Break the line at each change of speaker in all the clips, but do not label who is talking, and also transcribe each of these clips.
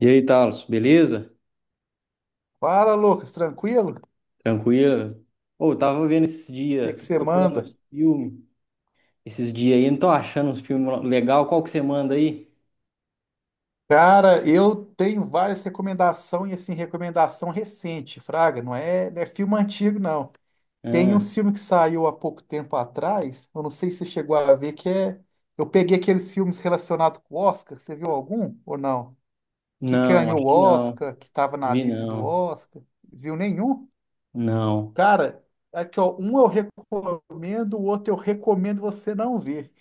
E aí, Talos, beleza?
Fala, Lucas, tranquilo? O
Tranquilo? Ô, eu tava vendo esses
que
dias,
que
tô
você
procurando uns
manda?
filmes esses dias aí, não tô achando uns filmes legal. Qual que você manda aí?
Cara, eu tenho várias recomendações, e assim, recomendação recente, Fraga, não é, não é filme antigo, não. Tem um
Ah,
filme que saiu há pouco tempo atrás, eu não sei se você chegou a ver, que é. Eu peguei aqueles filmes relacionados com o Oscar, você viu algum ou não? Que
não,
ganhou
acho
o
que não.
Oscar, que estava na
Vi
lista do
não.
Oscar. Viu nenhum?
Não.
Cara, aqui, ó, um eu recomendo, o outro eu recomendo você não ver.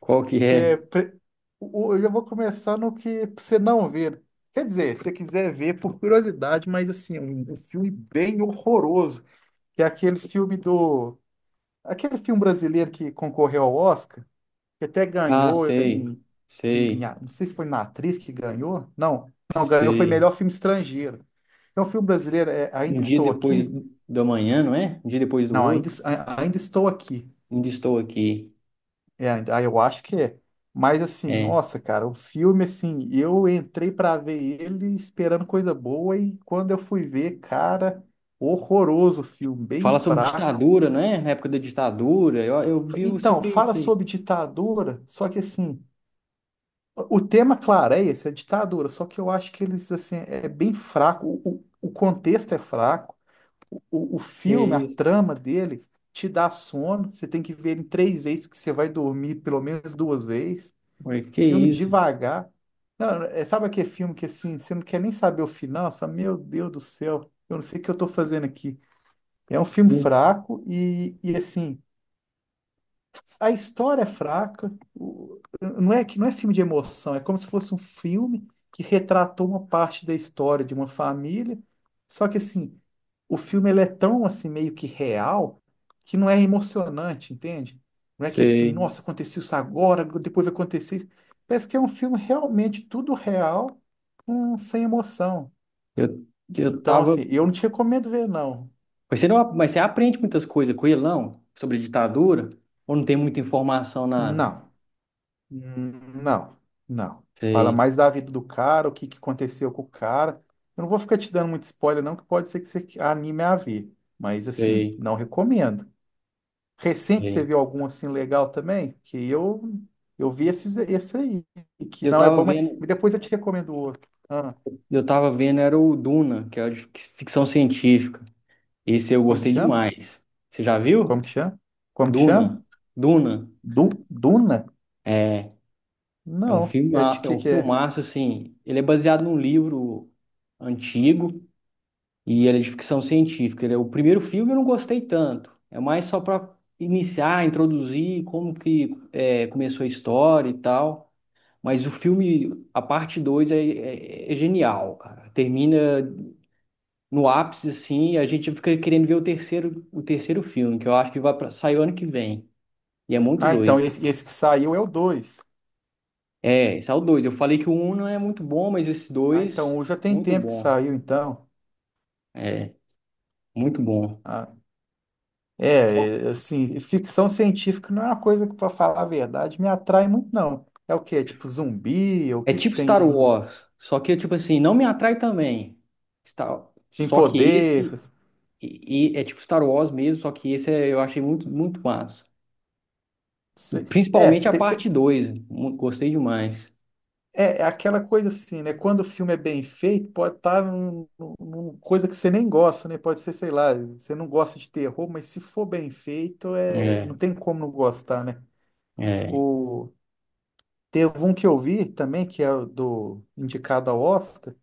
Qual que
Que
é?
é. Eu já vou começar no que pra você não ver. Quer dizer, se você quiser ver por curiosidade, mas assim, um filme bem horroroso, que é aquele filme do. Aquele filme brasileiro que concorreu ao Oscar, que até
Ah,
ganhou
sei.
em, em-
Sei.
a- Não sei se foi na atriz que ganhou. Não, não, ganhou, foi
Sei.
melhor filme estrangeiro. É um filme brasileiro, é
Um
Ainda
dia
Estou
depois
Aqui.
do amanhã, não é? Um dia depois do
Não, ainda,
outro.
Ainda Estou Aqui.
Ainda estou aqui.
É, ah, eu acho que é. Mas assim,
É.
nossa, cara, o filme, assim, eu entrei pra ver ele esperando coisa boa e quando eu fui ver, cara, horroroso o filme, bem
Fala sobre
fraco.
ditadura, não é? Na época da ditadura. Eu vi
Então,
sobre
fala
isso aí.
sobre ditadura, só que assim, o tema clareia essa ditadura, só que eu acho que eles, assim, é bem fraco, o contexto é fraco, o, o
Que
filme, a
isso?
trama dele te dá sono, você tem que ver ele três vezes, que você vai dormir pelo menos duas vezes.
Ué, que
Filme
isso?
devagar. Não, é, sabe aquele filme que assim, você não quer nem saber o final, você fala, meu Deus do céu, eu não sei o que eu tô fazendo aqui. É um filme
Hum.
fraco e assim, a história é fraca, não é que não é filme de emoção, é como se fosse um filme que retratou uma parte da história de uma família, só que assim, o filme ele é tão assim meio que real que não é emocionante, entende? Não é aquele filme,
Sei.
nossa, aconteceu isso agora, depois vai acontecer isso. Parece que é um filme realmente tudo real, sem emoção.
Eu, eu
Então,
tava.
assim, eu não te recomendo ver, não.
Mas você não, mas você aprende muitas coisas com ele, não? Sobre ditadura? Ou não tem muita informação, nada?
Não. Hum, não, não. Fala
Sei,
mais da vida do cara, o que que aconteceu com o cara. Eu não vou ficar te dando muito spoiler, não, que pode ser que você anime a ver. Mas, assim,
sei,
não recomendo. Recente, você
sei.
viu algum assim legal também? Que eu vi esse aí, que
Eu
não é
tava
bom, mas
vendo,
mas depois eu te recomendo o outro. Ah,
eu tava vendo, era o Duna, que é de ficção científica. Esse eu
como que
gostei
chama?
demais. Você já
Como
viu?
que chama? Como que chama?
Duna. Duna.
Duna?
É, é um
Não.
filme,
É de
é um
que é?
filmaço, assim. Ele é baseado num livro antigo. E ele é de ficção científica. Ele é o primeiro filme eu não gostei tanto. É mais só para iniciar, introduzir como que é, começou a história e tal. Mas o filme, a parte 2 é, é genial, cara. Termina no ápice assim, e a gente fica querendo ver o terceiro filme, que eu acho que vai pra, sair o ano que vem. E é muito
Ah, então,
doido.
esse que saiu é o 2.
É, esse é o 2. Eu falei que o um não é muito bom, mas esse
Ah,
2
então, o já tem
muito
tempo que
bom.
saiu, então.
É, muito bom.
Ah, É, assim, ficção científica não é uma coisa que, para falar a verdade, me atrai muito, não. É o quê? É tipo zumbi? O
É
que que
tipo
tem
Star
aí?
Wars, só que tipo assim, não me atrai também. Star...
Tem
Só que
poder?
esse e é tipo Star Wars mesmo, só que esse eu achei muito, muito massa.
se- É,
Principalmente a
te-
parte
te-
2, gostei demais.
é aquela coisa assim, né? Quando o filme é bem feito, pode estar numa coisa que você nem gosta, né? Pode ser, sei lá, você não gosta de terror, mas se for bem feito, é, não
É,
tem como não gostar, né?
é.
Teve um que eu vi também, que é o do indicado ao Oscar.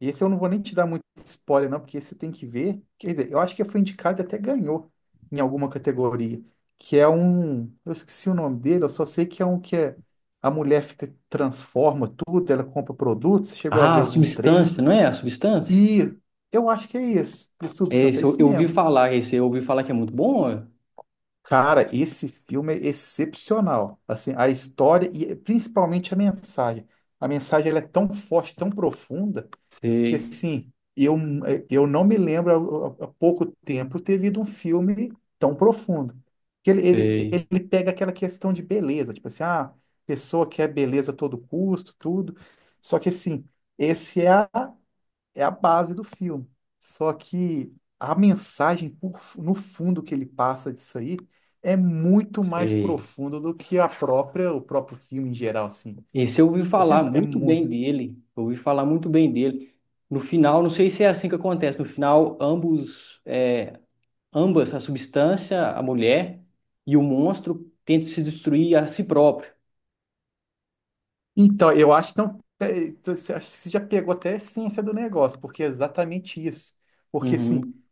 E esse eu não vou nem te dar muito spoiler, não, porque esse você tem que ver. Quer dizer, eu acho que foi indicado e até ganhou em alguma categoria. Que é um. Eu esqueci o nome dele, eu só sei que é um que é. A mulher fica, transforma tudo, ela compra produtos. Você chegou a
Ah,
ver
a
algum trailer?
substância, não é? A substância?
E eu acho que é isso, de
É,
Substância,
esse
é
eu,
isso
eu ouvi
mesmo.
falar, esse eu ouvi falar que é muito bom, ó.
Cara, esse filme é excepcional. Assim, a história e principalmente a mensagem. A mensagem ela é tão forte, tão profunda, que
Sei,
assim, eu não me lembro há pouco tempo ter visto um filme tão profundo. Que ele, ele,
sei,
ele pega aquela questão de beleza, tipo assim, ah, a pessoa quer beleza a todo custo, tudo. Só que assim, esse é a base do filme. Só que a mensagem no fundo que ele passa disso aí é muito mais
sei.
profunda do que a própria, o próprio filme em geral, assim.
Esse eu ouvi
Esse é,
falar
é
muito bem
muito.
dele. Eu ouvi falar muito bem dele. No final, não sei se é assim que acontece. No final, ambos é, ambas, a substância, a mulher e o monstro, tentam se destruir a si próprio.
Então, eu acho que não, é, então, você acho que você já pegou até a essência do negócio, porque é exatamente isso. Porque, assim,
Uhum.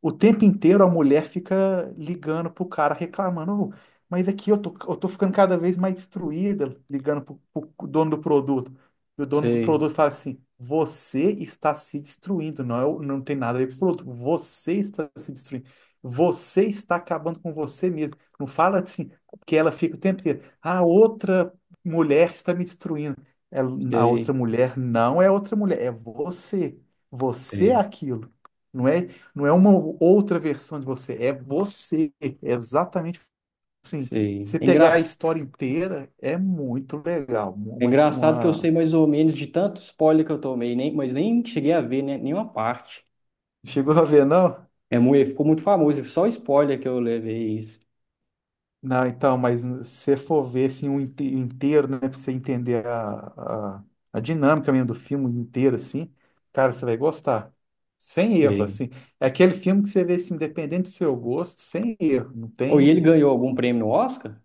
o tempo inteiro a mulher fica ligando pro cara, reclamando, "Ô, mas aqui eu tô ficando cada vez mais destruída, ligando pro dono do produto. E o dono do
Sei,
produto fala assim: você está se destruindo, não, não tem nada a ver com o produto, você está se destruindo. Você está acabando com você mesmo. Não fala assim, que ela fica o tempo inteiro. A outra mulher está me destruindo. Ela- a
sei,
outra mulher não é outra mulher, é você. Você é
sei,
aquilo. Não é não é uma outra versão de você. É exatamente assim.
sei.
Você pegar a história inteira é muito legal.
É
Uma,
engraçado que eu
uma...
sei mais ou menos de tanto spoiler que eu tomei, nem, mas nem cheguei a ver né, nenhuma parte.
Chegou a ver, não?
É, ficou muito famoso, só spoiler que eu levei isso.
Não, então, mas se você for ver assim, um inteiro, né, pra você entender a dinâmica mesmo do filme inteiro, assim, cara, você vai gostar. Sem erro,
Sei.
assim. É aquele filme que você vê, assim, independente do seu gosto, sem erro. Não
Oh, e ele
tem.
ganhou algum prêmio no Oscar?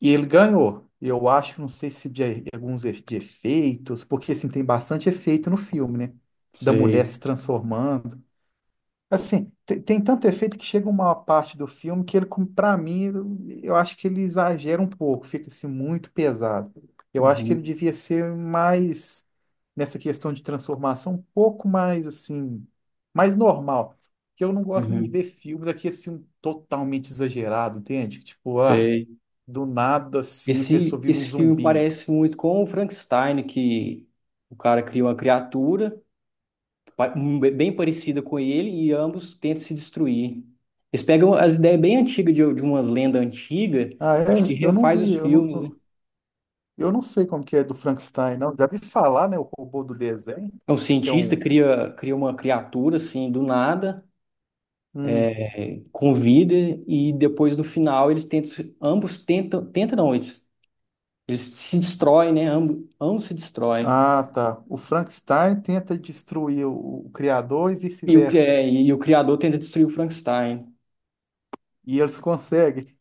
E ele ganhou. Eu acho, não sei se de alguns de efeitos, porque assim, tem bastante efeito no filme, né? Da mulher
Sei.
se transformando. Assim, tem, tanto efeito que chega uma parte do filme que ele, para mim, eu acho que ele exagera um pouco, fica assim muito pesado. Eu acho que ele
Uhum,
devia ser mais, nessa questão de transformação, um pouco mais assim, mais normal. Porque eu não gosto muito de
uhum,
ver filme daqui assim, um totalmente exagerado, entende? Tipo, ah.
sei.
Do nada, assim, a pessoa
Esse,
vira um
esse filme
zumbi.
parece muito com o Frankenstein, que o cara cria uma criatura. Um bem parecida com ele e ambos tentam se destruir. Eles pegam as ideias bem antigas de umas lendas antigas,
Ah, é?
eu acho que
Eu não
refaz
vi,
os
eu não,
filmes, né?
eu não sei como que é do Frankenstein, não. Já vi falar, né? O robô do desenho,
É um
que é
cientista,
um.
cria, cria uma criatura assim do nada,
Hum.
é, com vida, e depois no final eles tentam, ambos tentam, tentam não, eles se destroem, né? Ambos, ambos se destroem.
Ah, tá. O Frankenstein tenta destruir o criador e
E o,
vice-versa.
e o criador tenta destruir o Frankenstein.
E eles conseguem.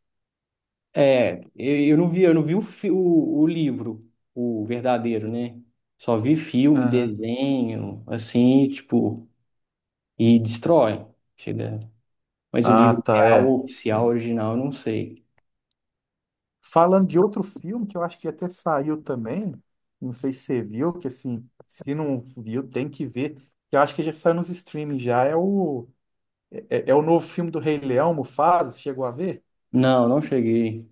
É, eu não vi o, o livro, o verdadeiro, né? Só vi filme,
Aham.
desenho, assim, tipo, e destrói. Chega. Mas o
Ah,
livro
tá,
real,
é.
oficial, original, eu não sei.
Falando de outro filme que eu acho que até saiu também, não sei se você viu, que assim, se não viu, tem que ver. Que Eu acho que já saiu nos streaming já, é o novo filme do Rei Leão, Mufasa, você chegou a ver?
Não, não cheguei.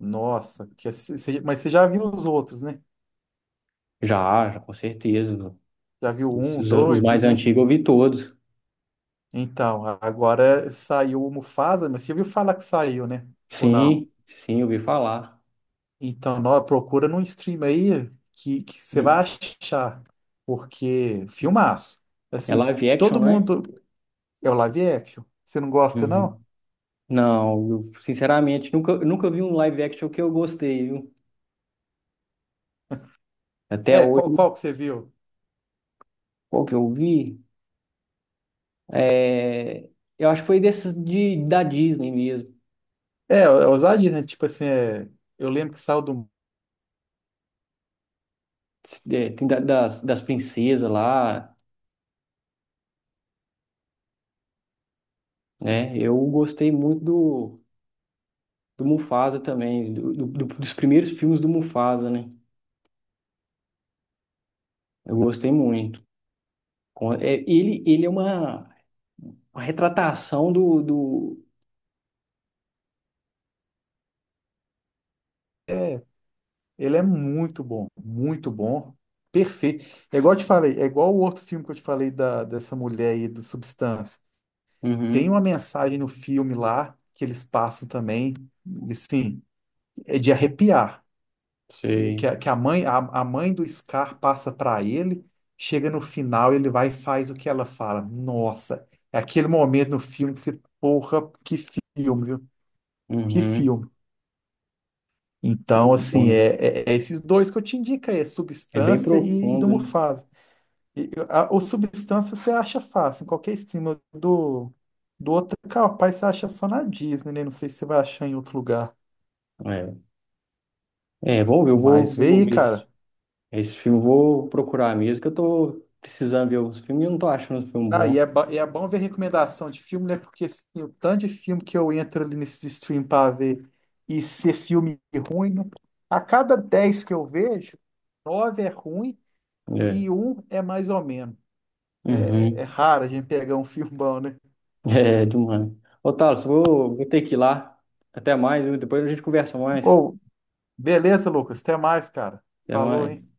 Nossa, mas você já viu os outros, né?
Já, já, com certeza.
Já viu o um, o
Os mais
dois, né?
antigos eu vi todos.
Então, agora saiu o Mufasa, mas você viu falar que saiu, né? Ou não?
Sim, sim, eu vi falar.
Então, procura num stream aí que você
E
vai achar, porque filmaço.
é
Assim,
live action,
todo
não é?
mundo... É o live action? Você não gosta, não?
Uhum. Não, eu, sinceramente, nunca, nunca vi um live action que eu gostei, viu? Até
É, qual,
hoje,
qual que você viu?
qual que eu vi? É, eu acho que foi desses de, da Disney mesmo.
É ousadia, né? Tipo assim, é, eu lembro que saiu do...
É, tem das, das princesas lá, né? Eu gostei muito do, do Mufasa também, do, dos primeiros filmes do Mufasa, né? Eu gostei muito. É, ele é uma retratação do, do...
Ele é muito bom, perfeito. É igual eu te falei, é igual o outro filme que eu te falei da, dessa mulher aí do Substância. Tem
Uhum,
uma mensagem no filme lá que eles passam também, e sim, é de arrepiar. E Que,
sei.
a- que a mãe, a mãe do Scar passa para ele, chega no final, ele vai e faz o que ela fala. Nossa, é aquele momento no filme que você, porra, que filme, viu? Que
Uhum,
filme. Então,
muito bom,
assim,
né?
é esses dois que eu te indico aí, é
É bem
Substância e do
profundo, né?
Mufasa. E o Substância você acha fácil, em qualquer estima do outro, capaz você acha só na Disney, né? Não sei se você vai achar em outro lugar.
É, é vamos ver, eu vou,
Mas vê
vou
aí,
ver esse,
cara.
esse filme, vou procurar mesmo, que eu tô precisando ver os filmes e eu não tô achando um filme
Ah, e
bom.
é, ba- e é bom ver recomendação de filme, né? Porque assim, o tanto de filme que eu entro ali nesse stream pra ver e ser filme ruim, né? A cada 10 que eu vejo, 9 é ruim
É.
e um é mais ou menos. É, é
Uhum.
raro a gente pegar um filme bom, né?
É, demais. Ô, Thales, vou, vou ter que ir lá. Até mais, viu? Depois a gente conversa mais.
Ou, beleza, Lucas, até mais, cara.
Até
Falou, hein?
mais.